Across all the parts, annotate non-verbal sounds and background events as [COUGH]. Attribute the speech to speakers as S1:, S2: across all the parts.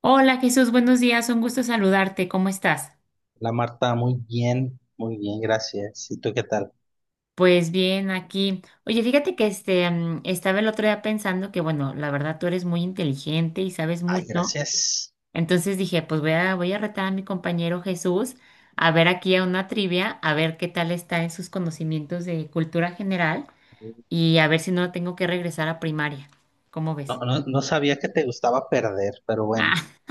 S1: Hola Jesús, buenos días, un gusto saludarte, ¿cómo estás?
S2: La Marta, muy bien, gracias. ¿Y tú qué tal?
S1: Pues bien, aquí. Oye, fíjate que estaba el otro día pensando que, bueno, la verdad tú eres muy inteligente y sabes
S2: Ay,
S1: mucho.
S2: gracias.
S1: Entonces dije, pues voy a retar a mi compañero Jesús a ver aquí a una trivia, a ver qué tal está en sus conocimientos de cultura general
S2: No,
S1: y a ver si no tengo que regresar a primaria. ¿Cómo
S2: no,
S1: ves?
S2: no sabía que te gustaba perder, pero bueno,
S1: Ah, [LAUGHS]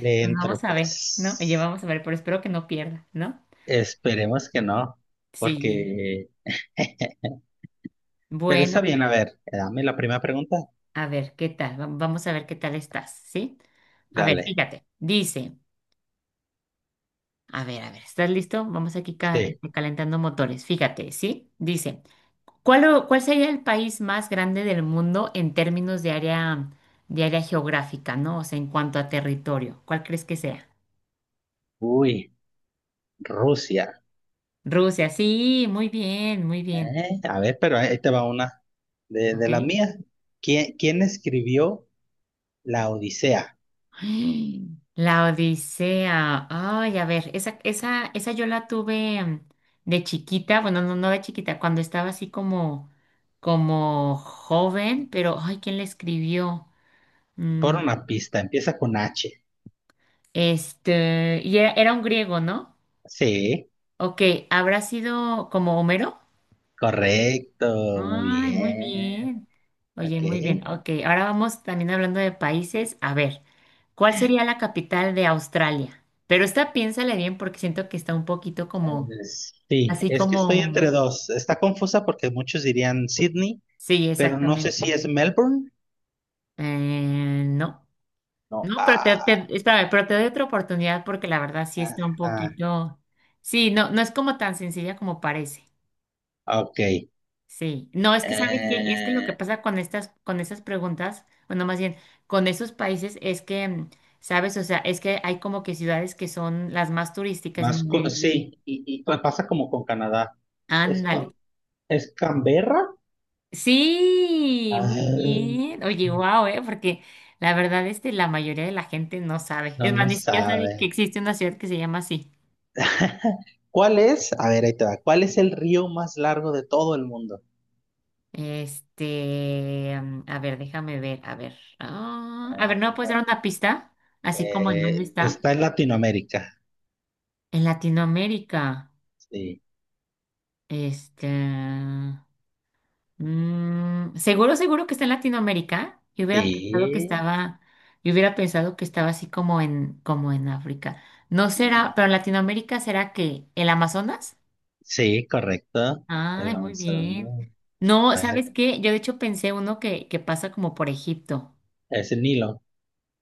S2: le
S1: pues
S2: entro,
S1: vamos a ver, ¿no? Oye,
S2: pues.
S1: vamos a ver, pero espero que no pierda, ¿no?
S2: Esperemos que no,
S1: Sí.
S2: porque [LAUGHS] Pero está
S1: Bueno,
S2: bien, a ver, dame la primera pregunta.
S1: a ver, ¿qué tal? Vamos a ver qué tal estás, ¿sí? A ver,
S2: Dale,
S1: fíjate, dice, a ver, ¿estás listo? Vamos aquí
S2: sí.
S1: calentando motores, fíjate, ¿sí? Dice, ¿cuál sería el país más grande del mundo en términos de área geográfica, ¿no? O sea, en cuanto a territorio, ¿cuál crees que sea?
S2: Uy, Rusia.
S1: Rusia, sí, muy bien,
S2: A ver, pero ahí te va una de
S1: ¿ok?
S2: la mía. ¿Quién escribió La Odisea?
S1: [GASPS] ¡Ay! La Odisea. Ay, a ver, esa yo la tuve de chiquita, bueno, no de chiquita, cuando estaba así como joven, pero ay, ¿quién la escribió?
S2: Por
S1: Mm,
S2: una pista, empieza con H.
S1: era un griego, ¿no?
S2: Sí.
S1: Ok, ¿habrá sido como Homero?
S2: Correcto, muy
S1: Ay, muy
S2: bien.
S1: bien.
S2: Ok.
S1: Oye, muy bien. Ok, ahora vamos también hablando de países. A ver, ¿cuál sería la capital de Australia? Pero esta piénsale bien porque siento que está un poquito como,
S2: Sí,
S1: así
S2: es que estoy
S1: como,
S2: entre dos. Está confusa porque muchos dirían Sydney,
S1: sí,
S2: pero no sé
S1: exactamente.
S2: si es Melbourne.
S1: No,
S2: No.
S1: no, pero
S2: Ah,
S1: espérame, pero te doy otra oportunidad porque la verdad sí está un
S2: ajá,
S1: poquito, sí, no, no es como tan sencilla como parece.
S2: ok.
S1: Sí, no, es que sabes que es que lo que
S2: Eh,
S1: pasa con estas, con esas preguntas, bueno, más bien con esos países es que, sabes, o sea, es que hay como que ciudades que son las más turísticas y no le dice,
S2: sí, y pasa como con Canadá. ¿Es,
S1: ándale.
S2: con, es Canberra?
S1: Sí, muy
S2: Ay,
S1: bien. Oye, wow, porque la verdad la mayoría de la gente no sabe.
S2: no,
S1: Es más,
S2: no
S1: ni siquiera sabe que
S2: sabe.
S1: existe una ciudad que se llama así.
S2: [LAUGHS] ¿Cuál es? A ver, ahí te va. ¿Cuál es el río más largo de todo el mundo?
S1: A ver, déjame ver, a ver. Ah, a ver, ¿no me puedes dar una pista? Así como en dónde está.
S2: Está en Latinoamérica.
S1: En Latinoamérica,
S2: Sí.
S1: este, seguro, seguro que está en Latinoamérica.
S2: Sí.
S1: Yo hubiera pensado que estaba así como en África. No
S2: No.
S1: será, pero en Latinoamérica será que el Amazonas.
S2: Sí, correcto. El
S1: Ay, muy bien.
S2: Amazonas.
S1: No,
S2: A ver,
S1: ¿sabes qué? Yo de hecho pensé uno que pasa como por Egipto.
S2: es el Nilo,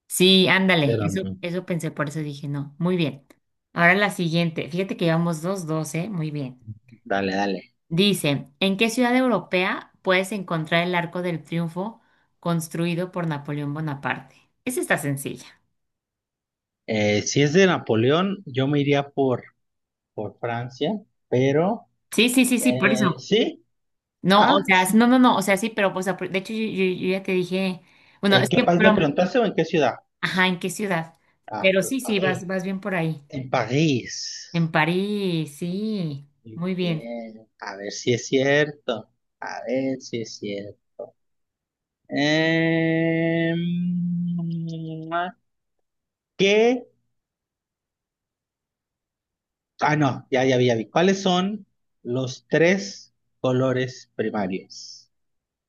S1: Sí, ándale,
S2: pero
S1: eso,
S2: no.
S1: eso pensé, por eso dije no. Muy bien. Ahora la siguiente. Fíjate que llevamos dos, dos, ¿eh? Muy bien.
S2: Dale, dale.
S1: Dice, ¿en qué ciudad europea puedes encontrar el Arco del Triunfo construido por Napoleón Bonaparte? Esa está sencilla.
S2: Si es de Napoleón, yo me iría por Francia, pero
S1: Sí, sí, sí, sí, por eso.
S2: sí.
S1: No, o
S2: Ah,
S1: sea,
S2: sí.
S1: no, no, no, o sea, sí, pero, pues, de hecho, yo ya te dije, bueno,
S2: ¿En
S1: es
S2: qué
S1: que,
S2: país me
S1: pero,
S2: preguntaste o en qué ciudad?
S1: ajá, ¿en qué ciudad?
S2: Ah,
S1: Pero
S2: pues,
S1: sí, sí,
S2: París.
S1: vas bien por ahí.
S2: En París.
S1: En París, sí,
S2: Muy
S1: muy bien.
S2: bien. A ver si es cierto. A ver si es cierto. Em, ¿Qué? Ah, no, ya, ya vi. ¿Cuáles son los tres colores primarios?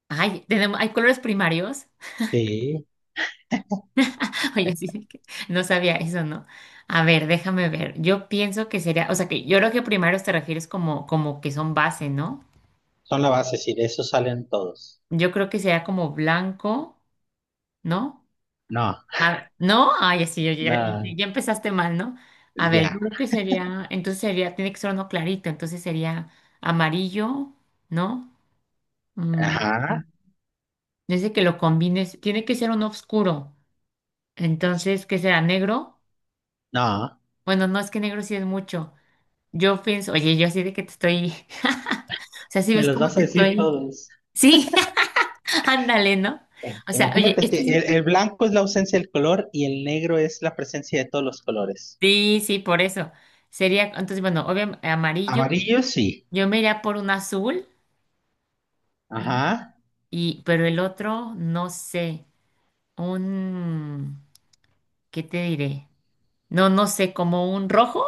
S1: Ay, tenemos, hay colores primarios.
S2: Sí,
S1: [LAUGHS] Oye, sí, de que no sabía eso, ¿no? A ver, déjame ver. Yo pienso que sería, o sea, que yo creo que primero te refieres como que son base, ¿no?
S2: son la base, sí, de eso salen todos.
S1: Yo creo que sería como blanco, ¿no?
S2: No,
S1: ¿No? Ay, sí, ya-
S2: no,
S1: ya empezaste mal, ¿no? A ver,
S2: ya,
S1: yo creo que sería, entonces sería, tiene que ser uno clarito, entonces sería amarillo, ¿no? Mm,
S2: ajá,
S1: Dice que lo combines, tiene que ser uno oscuro, entonces, ¿qué será? ¿Negro?
S2: no,
S1: Bueno, no, es que negro sí es mucho. Yo pienso, oye, yo así de que te estoy, [LAUGHS] o sea, si
S2: me
S1: ves
S2: los
S1: cómo
S2: vas a
S1: te
S2: decir
S1: estoy,
S2: todos.
S1: sí, [LAUGHS] ándale, ¿no?
S2: Bueno,
S1: O sea, oye,
S2: imagínate que el blanco es la ausencia del color y el negro es la presencia de todos los colores.
S1: sí, sí, por eso. Sería, entonces, bueno, obviamente amarillo,
S2: Amarillo, sí,
S1: yo me iría por un azul, ¿no?
S2: ajá.
S1: Y, pero el otro, no sé, un, ¿qué te diré? No, no sé, como un rojo.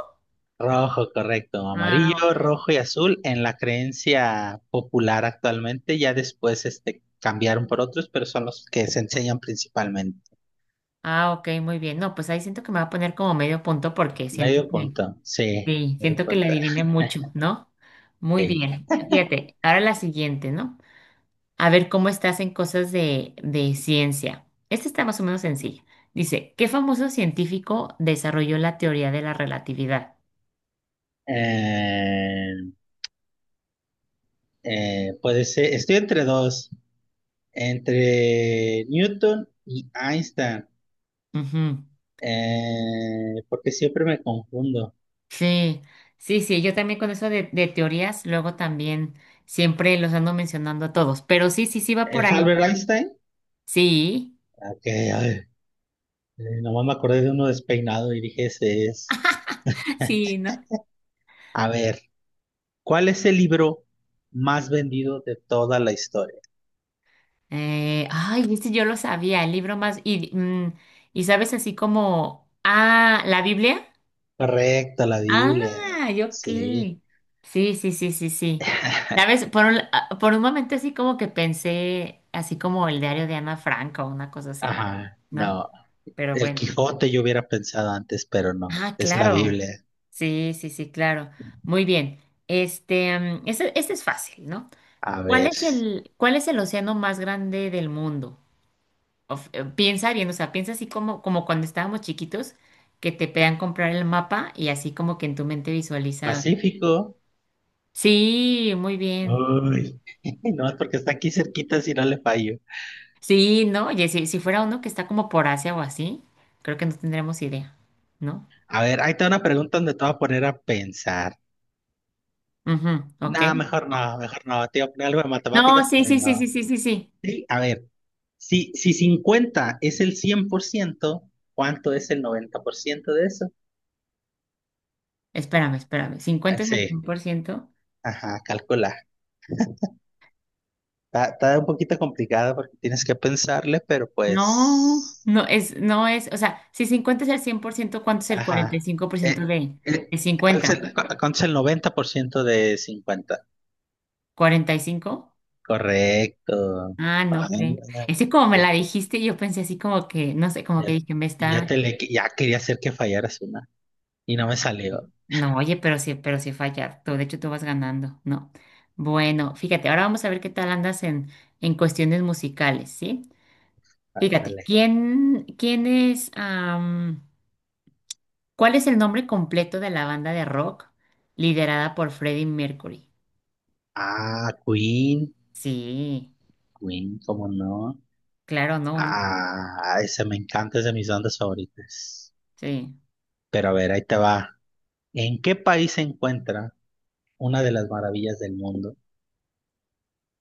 S2: Rojo, correcto.
S1: Ah,
S2: Amarillo,
S1: ok,
S2: rojo y azul en la creencia popular actualmente. Ya después cambiaron por otros, pero son los que se enseñan principalmente.
S1: ah, ok, muy bien. No, pues ahí siento que me va a poner como medio punto porque siento
S2: Medio
S1: que.
S2: punto, sí.
S1: Sí,
S2: Medio
S1: siento que la
S2: punto,
S1: adiviné mucho, ¿no? Muy
S2: sí.
S1: bien. Fíjate, ahora la siguiente, ¿no? A ver cómo estás en cosas de ciencia. Esta está más o menos sencilla. Dice, ¿qué famoso científico desarrolló la teoría de la relatividad?
S2: Eh, Puede ser, estoy entre dos, entre Newton y Einstein,
S1: Ujú.
S2: porque siempre me confundo.
S1: Sí, sí, sí, yo también con eso de teorías, luego también siempre los ando mencionando a todos, pero sí, sí, sí va por
S2: ¿Es
S1: ahí.
S2: Albert Einstein?
S1: Sí,
S2: Ok, ay, nomás me acordé de uno despeinado y dije, ese es.
S1: [LAUGHS] sí, ¿no?
S2: A ver. ¿Cuál es el libro más vendido de toda la historia?
S1: Ay, viste, yo lo sabía, el libro más... Y sabes así como... Ah, ¿la Biblia?
S2: Correcto, la Biblia.
S1: Ah, yo
S2: Sí.
S1: qué. Sí, sí, sí, sí, sí. ¿Sabes?
S2: [LAUGHS]
S1: Por un momento así como que pensé, así como el diario de Ana Frank o una cosa así,
S2: Ajá,
S1: ¿no?
S2: no.
S1: Pero
S2: El
S1: bueno.
S2: Quijote yo hubiera pensado antes, pero no.
S1: Ah,
S2: Es la
S1: claro.
S2: Biblia.
S1: Sí, sí, sí, claro. Muy bien. Ese es fácil, ¿no?
S2: A
S1: ¿Cuál
S2: ver.
S1: es el, cuál es el océano más grande del mundo? Piensa bien, o sea, piensa así como cuando estábamos chiquitos, que te pedan comprar el mapa y así como que en tu mente visualiza.
S2: Pacífico.
S1: Sí, muy bien.
S2: Uy. [LAUGHS] No, es porque está aquí cerquita si no le fallo.
S1: Sí, ¿no? Y si fuera uno que está como por Asia o así, creo que no tendremos idea, ¿no?
S2: A ver, ahí está una pregunta donde te voy a poner a pensar.
S1: Ujú, ok.
S2: No, mejor no, mejor no. Te iba a poner algo de
S1: No,
S2: matemáticas,
S1: sí,
S2: pero
S1: sí, sí, sí,
S2: no.
S1: sí, sí, sí.
S2: Sí, a ver. Si 50 es el 100%, ¿cuánto es el 90% de eso?
S1: Espérame, espérame. 50 es el
S2: Sí,
S1: 100%.
S2: ajá, calcula. Está un poquito complicado porque tienes que pensarle, pero
S1: No,
S2: pues,
S1: no es, o sea, si 50 es el cien por ciento, ¿cuánto es el cuarenta y
S2: ajá.
S1: cinco por ciento
S2: Eh,
S1: de,
S2: eh,
S1: de
S2: ¿Cuál es
S1: 50?
S2: el, cu- cuánto es el 90% de 50?
S1: 45.
S2: Correcto.
S1: Ah, no,
S2: Ah,
S1: creo. Ese como me
S2: ya,
S1: la dijiste, yo pensé así como que, no sé, como que
S2: ya,
S1: dije, me está.
S2: ya quería hacer que fallaras una y no me salió.
S1: No, oye, pero sí fallar. Tú, de hecho, tú vas ganando, ¿no? Bueno, fíjate, ahora vamos a ver qué tal andas en cuestiones musicales, ¿sí?
S2: Ah,
S1: Fíjate,
S2: dale.
S1: ¿Cuál es el nombre completo de la banda de rock liderada por Freddie Mercury?
S2: Ah, Queen,
S1: Sí,
S2: Queen, ¿cómo no?
S1: claro, no, no,
S2: Ah, esa me encanta, es de mis bandas favoritas.
S1: sí.
S2: Pero a ver, ahí te va. ¿En qué país se encuentra una de las maravillas del mundo,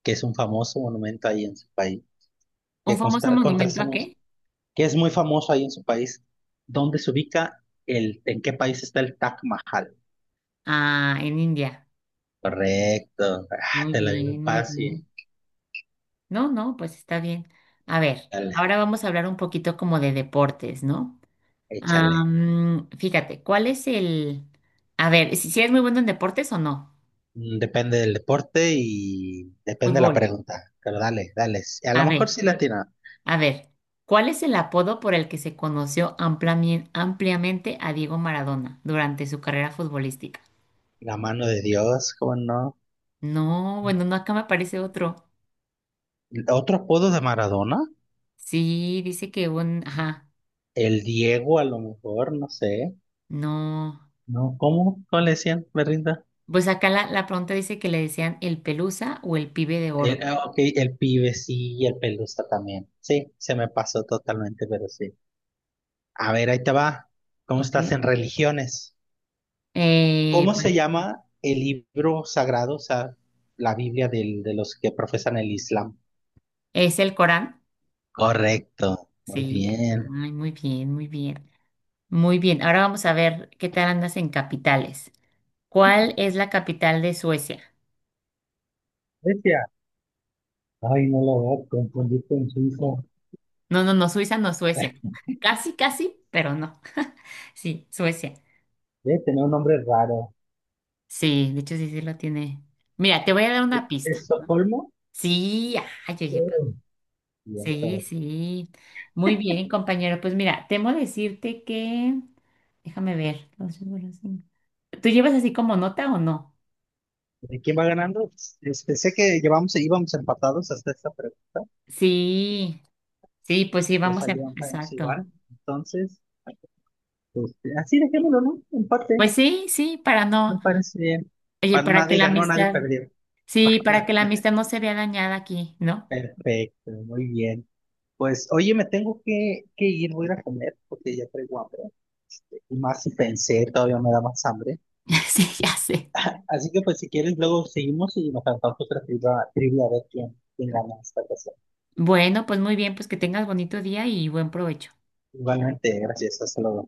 S2: que es un famoso monumento ahí en su país?
S1: ¿Un
S2: Que
S1: famoso monumento
S2: contrasta
S1: a qué?
S2: mucho, que es muy famoso ahí en su país. ¿Dónde se ubica el, ¿En qué país está el Taj Mahal?
S1: Ah, en India.
S2: Correcto. Ah,
S1: Muy
S2: te la digo
S1: bien, muy bien.
S2: fácil.
S1: No, no, pues está bien. A ver,
S2: Dale,
S1: ahora vamos a hablar un poquito como de deportes, ¿no?
S2: échale.
S1: Fíjate, ¿cuál es el... A ver, si eres muy bueno en deportes o no.
S2: Depende del deporte y depende de la
S1: Fútbol.
S2: pregunta. Pero dale, dale. A lo
S1: A
S2: mejor
S1: ver,
S2: sí la tiene.
S1: a ver, ¿cuál es el apodo por el que se conoció ampliamente a Diego Maradona durante su carrera futbolística?
S2: La mano de Dios, ¿cómo no?
S1: No, bueno, no, acá me aparece otro.
S2: Otro apodo de Maradona,
S1: Sí, dice que un... Ajá,
S2: el Diego a lo mejor, no sé.
S1: no.
S2: No, ¿cómo? ¿Cómo le decían? Me rinda.
S1: Pues acá la pregunta dice que le decían el Pelusa o el Pibe de Oro.
S2: Ah, ok, el pibe sí, y el pelusa también. Sí, se me pasó totalmente, pero sí. A ver, ahí te va. ¿Cómo estás
S1: Ok.
S2: en religiones?
S1: Eh,
S2: ¿Cómo
S1: pues,
S2: se llama el libro sagrado, o sea, la Biblia de los que profesan el Islam?
S1: es el Corán.
S2: Correcto, muy
S1: Sí,
S2: bien.
S1: ay, muy bien, muy bien. Muy bien, ahora vamos a ver qué tal andas en capitales. ¿Cuál es la capital de Suecia?
S2: Grecia. Ay, no lo voy a confundir con Suiza.
S1: No, no, no, Suiza no, Suecia. Casi, casi, pero no. [LAUGHS] Sí, Suecia.
S2: Debe tener un nombre raro.
S1: Sí, de hecho sí, sí lo tiene. Mira, te voy a dar
S2: ¿Es,
S1: una
S2: es
S1: pista.
S2: Estocolmo?
S1: Sí, ay, oye,
S2: Y
S1: sí,
S2: hasta-
S1: sí. Muy bien, compañero. Pues mira, temo decirte que... Déjame ver. Dos, cinco, cinco. ¿Tú llevas así como nota o no?
S2: ¿De quién va ganando? Pensé que íbamos empatados hasta esta pregunta,
S1: Sí, sí, pues sí,
S2: que
S1: vamos a...
S2: falló Vamos
S1: Exacto.
S2: Iván. Entonces, así dejémoslo, ¿no? Empate,
S1: Pues sí, sí, para
S2: me
S1: no...
S2: parece bien.
S1: Oye,
S2: Para
S1: para que
S2: nadie
S1: la
S2: ganó, nadie
S1: amistad...
S2: perdió.
S1: Sí, para que la
S2: [LAUGHS]
S1: amistad no se vea dañada aquí, ¿no?
S2: Perfecto, muy bien. Pues, oye, me tengo que ir, voy a ir a comer porque ya traigo hambre. Y más si pensé, todavía me da más hambre.
S1: [LAUGHS] Sí, ya sé.
S2: Así que, pues, si quieres, luego seguimos y nos cantamos otra trivia a ver quién gana esta ocasión.
S1: Bueno, pues muy bien, pues que tengas bonito día y buen provecho.
S2: Igualmente, gracias, hasta luego.